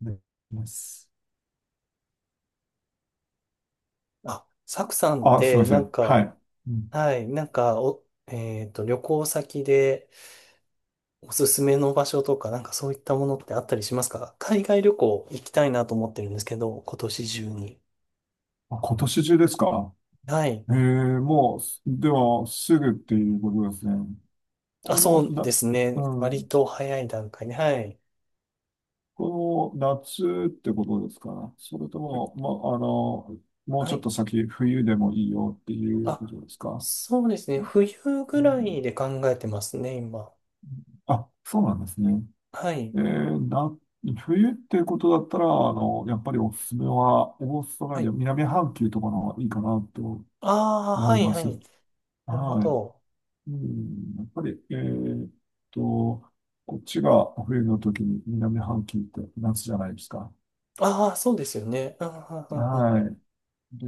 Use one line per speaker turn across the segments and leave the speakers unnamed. できます。
あ、サクさんっ
あ、すみ
て、
ません。はい。うん。
はい、なんか、お、えっと、旅行先でおすすめの場所とか、なんかそういったものってあったりしますか？海外旅行行きたいなと思ってるんですけど、今年中に。
あ、今年中ですか？
はい。
ええ。もう、すでは、すぐっていうことですね。
あ、
こ
そ
の、
う
な、
ですね。
う
割
ん、
と早い段階で、はい。
この夏ってことですか？それとも、ま、あの、もう
は
ちょっ
い。
と先、冬でもいいよっていうこ
あ、
とですか？
そうですね。冬ぐら
うん。
いで考えてますね、今。
あ、そうなんですね。
はい。
えー、な、冬っていうことだったら、やっぱりおすすめは、オーストラ
は
リア、
い。
南半球とかの方がいいかなと
ああ、
思
は
い
い、
ま
は
す。
い。なるほ
はい。
ど。
うん、やっぱり、と、こっちが冬の時に南半球って夏じゃないですか。
ああ、そうですよね。うんうんうんうん。
はい。で、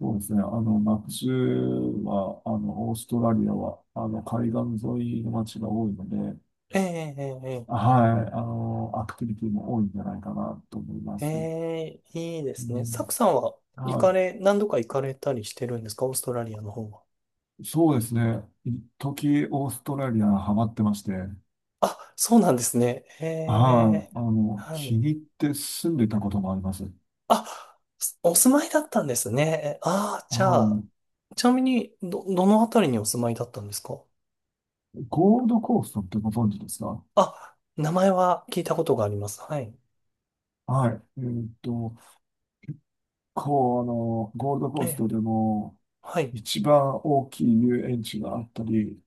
そうですね。夏は、オーストラリアは、海岸沿いの街が多いので、
ええええええ。
はい。アクティビティも多いんじゃないかなと思いま
え
す。
え、いいで
う
すね。サク
ん、
さんは行か
は
れ、何度か行かれたりしてるんですか？オーストラリアの方は。
い。そうですね。一時オーストラリアハマってまして、はい。
あ、そうなんですね。ええ、は
気
い。
に入って住んでたこともあります。は
あ、お住まいだったんですね。ああ、じゃあ、
い。
ちなみに、どのあたりにお住まいだったんですか？
ゴールドコーストってご存知ですか？
あ、名前は聞いたことがあります。はい。
はい。こう、ゴールド
え
コース
え、
トでも
はい。
一番大きい遊園地があったり、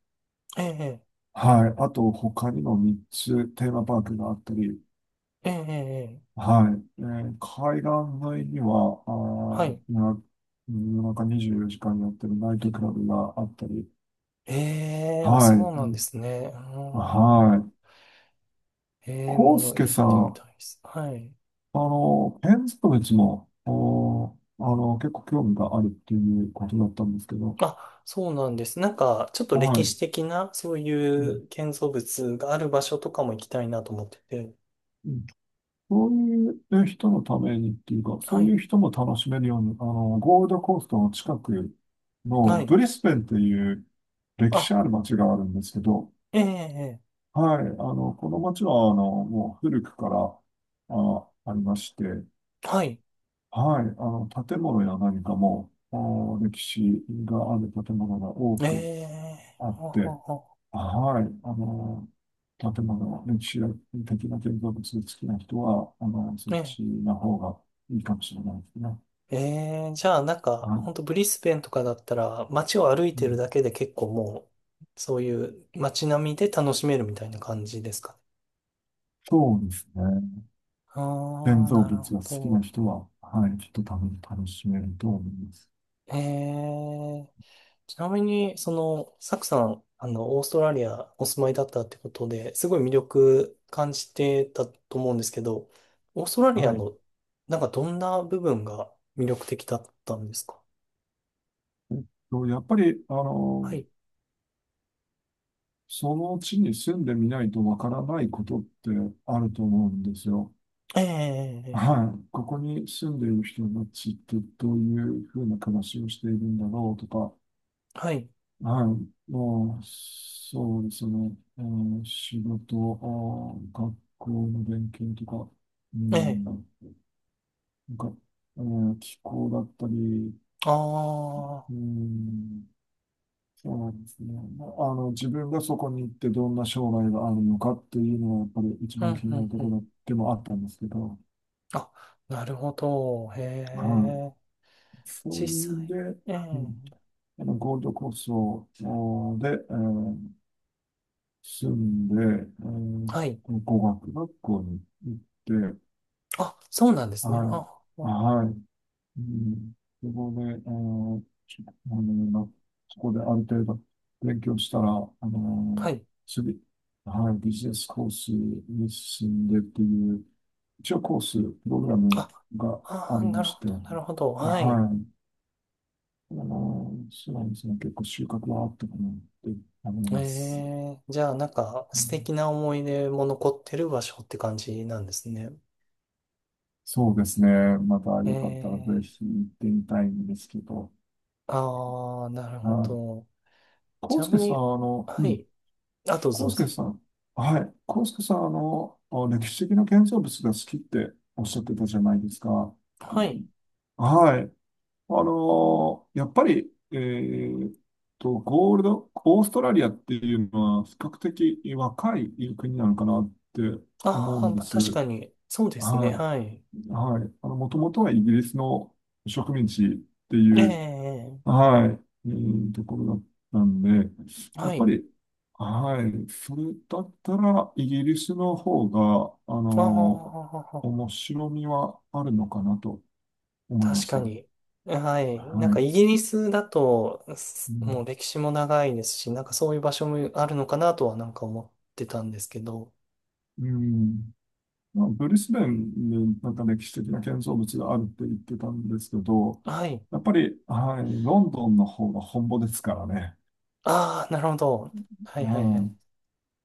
ええ、
はい。あと、他にも3つテーマパークがあったり、
ええ、ええ、ええ。
はい。海岸沿いには、
は
ー、
い。
な夜中24時間やってるナイトクラブがあったり、
ええ、あ、
はい。
そうな
う
んで
ん。
すね。うーん。
はい。
ええ、
コ
も
ウス
の
ケ
行っ
さ
てみ
ん、
たいです。はい。
建築物も、おあの、結構興味があるっていうことだったんですけど、
あ、そうなんです。ちょっと
は
歴
い。
史的な、そうい
うん、
う建造物がある場所とかも行きたいなと思ってて。
うん。そういう人のためにっていうか、そ
は
うい
い。
う人も楽しめるように、ゴールドコーストの近くの
は
ブ
い。
リスベンっていう歴
あ、
史ある街があるんですけど、
ええ、え
はい。この街は、もう古くから、ありまして、
え。はい。
はい。建物や何かも、歴史がある建物が多
え
く
え、
あっ
は
て、
はは。
はい。建物の歴史的な建造物好きな人は、そっ
ね
ちの方がいいかもしれないですね。
え。ええ。じゃあ、
は
ほ
い。
んとブリスベンとかだったら、街を歩い
う
てる
ん。
だけで結構もう、そういう街並みで楽しめるみたいな感じですかね。
そうですね。
あ
建
あ、
造物
なるほ
が好きな
ど。
人は、はい、きっと楽しめると思います。
ええ。ちなみに、その、サクさん、オーストラリアお住まいだったってことで、すごい魅力感じてたと思うんですけど、オーストラリ
は
ア
い。
の、なんかどんな部分が魅力的だったんですか？
やっぱり、
はい。
その地に住んでみないとわからないことってあると思うんですよ。
ええ、ええ、
はい。ここに住んでいる人たちってどういうふうな暮らしをしているんだろうとか、
はい。
はい。もう、そうですね。仕事、学校の勉強とか、う
え
ん、
え、
なんか、気候だったり、
あ
う
あ、
ん、そうなんですね。まあ自分がそこに行ってどんな将来があるのかっていうのは、やっぱり一
う
番
ん、
気に
う
なる
ん、
と
う
こ
ん。
ろでもあったんですけど、
あ、なるほど。へ
は
え、
い。そういう
実
ん
際。
で、
え
うん、
え、
ゴールドコーストで、住んで、えー
はい。
語学学校に行って、
あ、そうなんですね。
はい、
あ、あ。
はい、うん、そこで、あの、ちょあのそこである程度勉強したら、
はい。
次、はい、ビジネスコースに進んでっていう、一応コース、プログラム
あ、
が
あ
あり
ー、な
ま
る
し
ほ
て、
ど、
はい、
なるほど。はい。
そうですね、結構収穫はあったかなって思い
え
ます。
え。じゃあなんか
う
素
ん。
敵な思い出も残ってる場所って感じなんですね。
そうですね。またよかったらぜ
ええ。
ひ行ってみたいんですけど。
ああ、ー、なる
は
ほど。
い。
ちな
康介
み
さん、
に、は
うん、
い。あとどう
康
ぞ。
介さん、はい、康介さん、歴史的な建造物が好きっておっしゃってたじゃないですか。
はい。
はい。やっぱり、えーっと、ゴールド、オーストラリアっていうのは比較的若い国なのかなって
あ
思う
あ、
んで
まあ、
す。
確かに、そうですね。
は
はい。
い。はい。もともとはイギリスの植民地っていう、
ええ。
はい、ところだったんで、や
は
っぱ
い。
り、はい、それだったら、イギリスの方が、
ああ、
面白みはあるのかなと思いま
確
し
か
た。
に。はい。なん
は
か
い。
イギリスだと、
う
すもう
ん。
歴史も長いですし、なんかそういう場所もあるのかなとはなんか思ってたんですけど。
うん。まあ、ブリスベンになんか歴史的な建造物があるって言ってたんですけど、
はい。
やっぱり、はい、ロンドンの方が本場ですからね。
ああ、なるほど。はいは
う
いはい。
ん、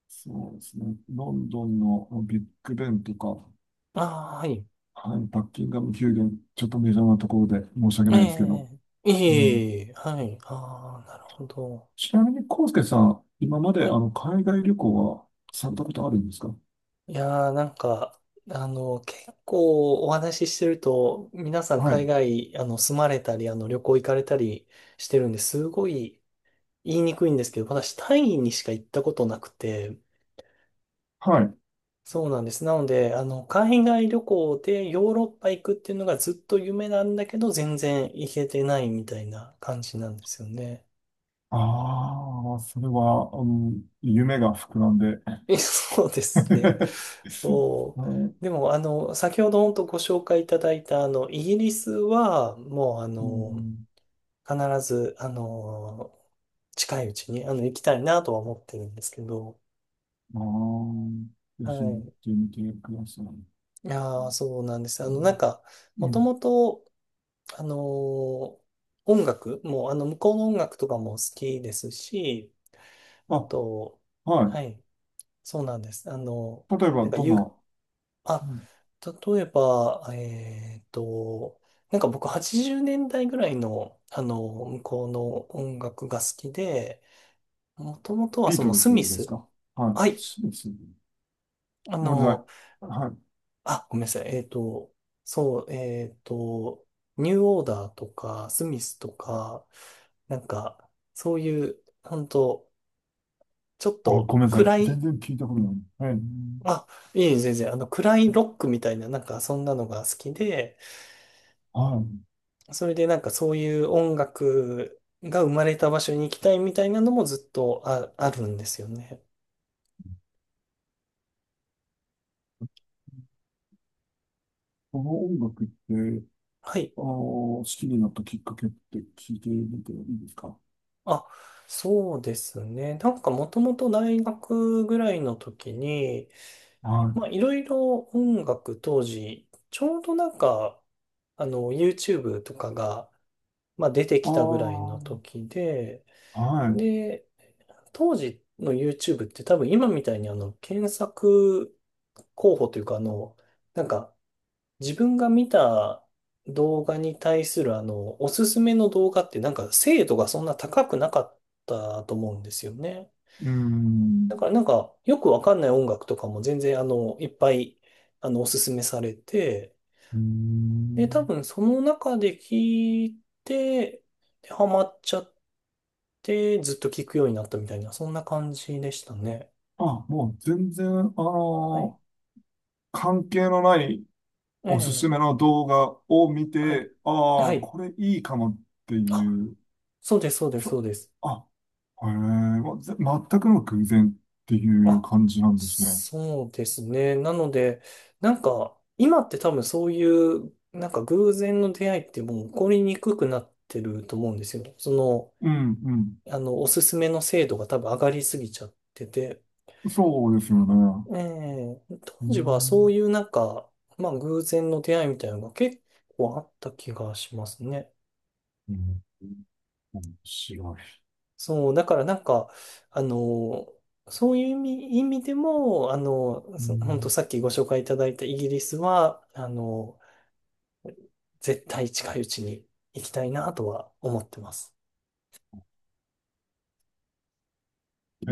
そうですね。ロンドンのビッグベンとか、
ああ、はい。
はい、バッキンガム宮殿、ちょっとメジャーなところで申し訳
え
ないですけど。
え、い
うん、
えいえ、はい。ああ、なるほど。
ちなみに、康介さん、今まで
はい。
海外旅行はされたことあるんですか？
いやー、なんか、結構お話ししてると、皆さん
は
海
い。
外、住まれたり、旅行行かれたりしてるんですごい言いにくいんですけど、私、タイにしか行ったことなくて、
はい。
そうなんです。なので、海外旅行でヨーロッパ行くっていうのがずっと夢なんだけど、全然行けてないみたいな感じなんですよね。
ああ、それは、うん、夢が膨らんで。
え、そうですね。そ
あ、
う。
う
でも、先ほど本当ご紹介いただいた、イギリスは、もう、
ん、
必ず、近いうちに、行きたいなとは思ってるんですけど、
ああ、ぜ
は
ひ行っ
い。
てみてください。うん。
いやー、そうなんです。も
う
と
ん。
もと、あの、音楽も、向こうの音楽とかも好きですし、あ
あ、
と、
は
はい、そうなんです。
い。例えば、
なんか、
どんな、う
あ、
ん、
例えば、僕80年代ぐらいの、向こうの音楽が好きで、もともとは
ビー
そ
ト
の
ル
スミ
ズです
ス。
か？はい。
はい。
そうですね。
あ
ごめんなさ
の、
い。はい。
ごめんなさい。そう、えっと、ニューオーダーとか、スミスとか、そういう、本当ちょっ
あ、ご
と
めんなさい。
暗
全
い、
然聞いたことない。はい。
あ、いえいえ、全然、暗いロックみたいな、なんか、そんなのが好きで、
はい。
それでなんかそういう音楽が生まれた場所に行きたいみたいなのもずっとあるんですよね。
この音楽って、
はい。
あー、好きになったきっかけって聞いてみていいですか？
あ、そうですね。なんかもともと大学ぐらいの時に、
はい。
まあいろいろ音楽当時、ちょうどなんか、YouTube とかが、まあ、出て
あ
きたぐらいの
あ、
時で、
はい。う
で、当時の YouTube って多分今みたいに検索候補というかなんか自分が見た動画に対するおすすめの動画ってなんか精度がそんな高くなかったと思うんですよね。
ー
だ
ん。
からなんかよくわかんない音楽とかも全然いっぱいおすすめされて、
うー
で、多
ん。
分その中で聞いて、で、ハマっちゃってずっと聞くようになったみたいな、そんな感じでしたね。
あ、もう全然、
はい。
関係のない
え
おすす
え、
めの動画を見
はい。
て、あ
は
あ、
い。
これいいかもって
あ、
いう、
そうです、そうです、そ
そ、
うです。
あ、へえ、ま、全くの偶然っていう
あ、
感じなんですね。
そうですね。なので、なんか、今って多分そういう、なんか偶然の出会いってもう起こりにくくなってると思うんですよ。その、
うん、うん、
おすすめの精度が多分上がりすぎちゃってて。
そうですよね。
ええ
う
当時はそう
ん。
いうなんか、まあ偶然の出会いみたいなのが結構あった気がしますね。
うん、面白い。
そう、だからなんか、あの、そういう意味、意味でも、
う
本当
ん、
さっきご紹介いただいたイギリスは、絶対近いうちに行きたいなとは思ってます。
え、え、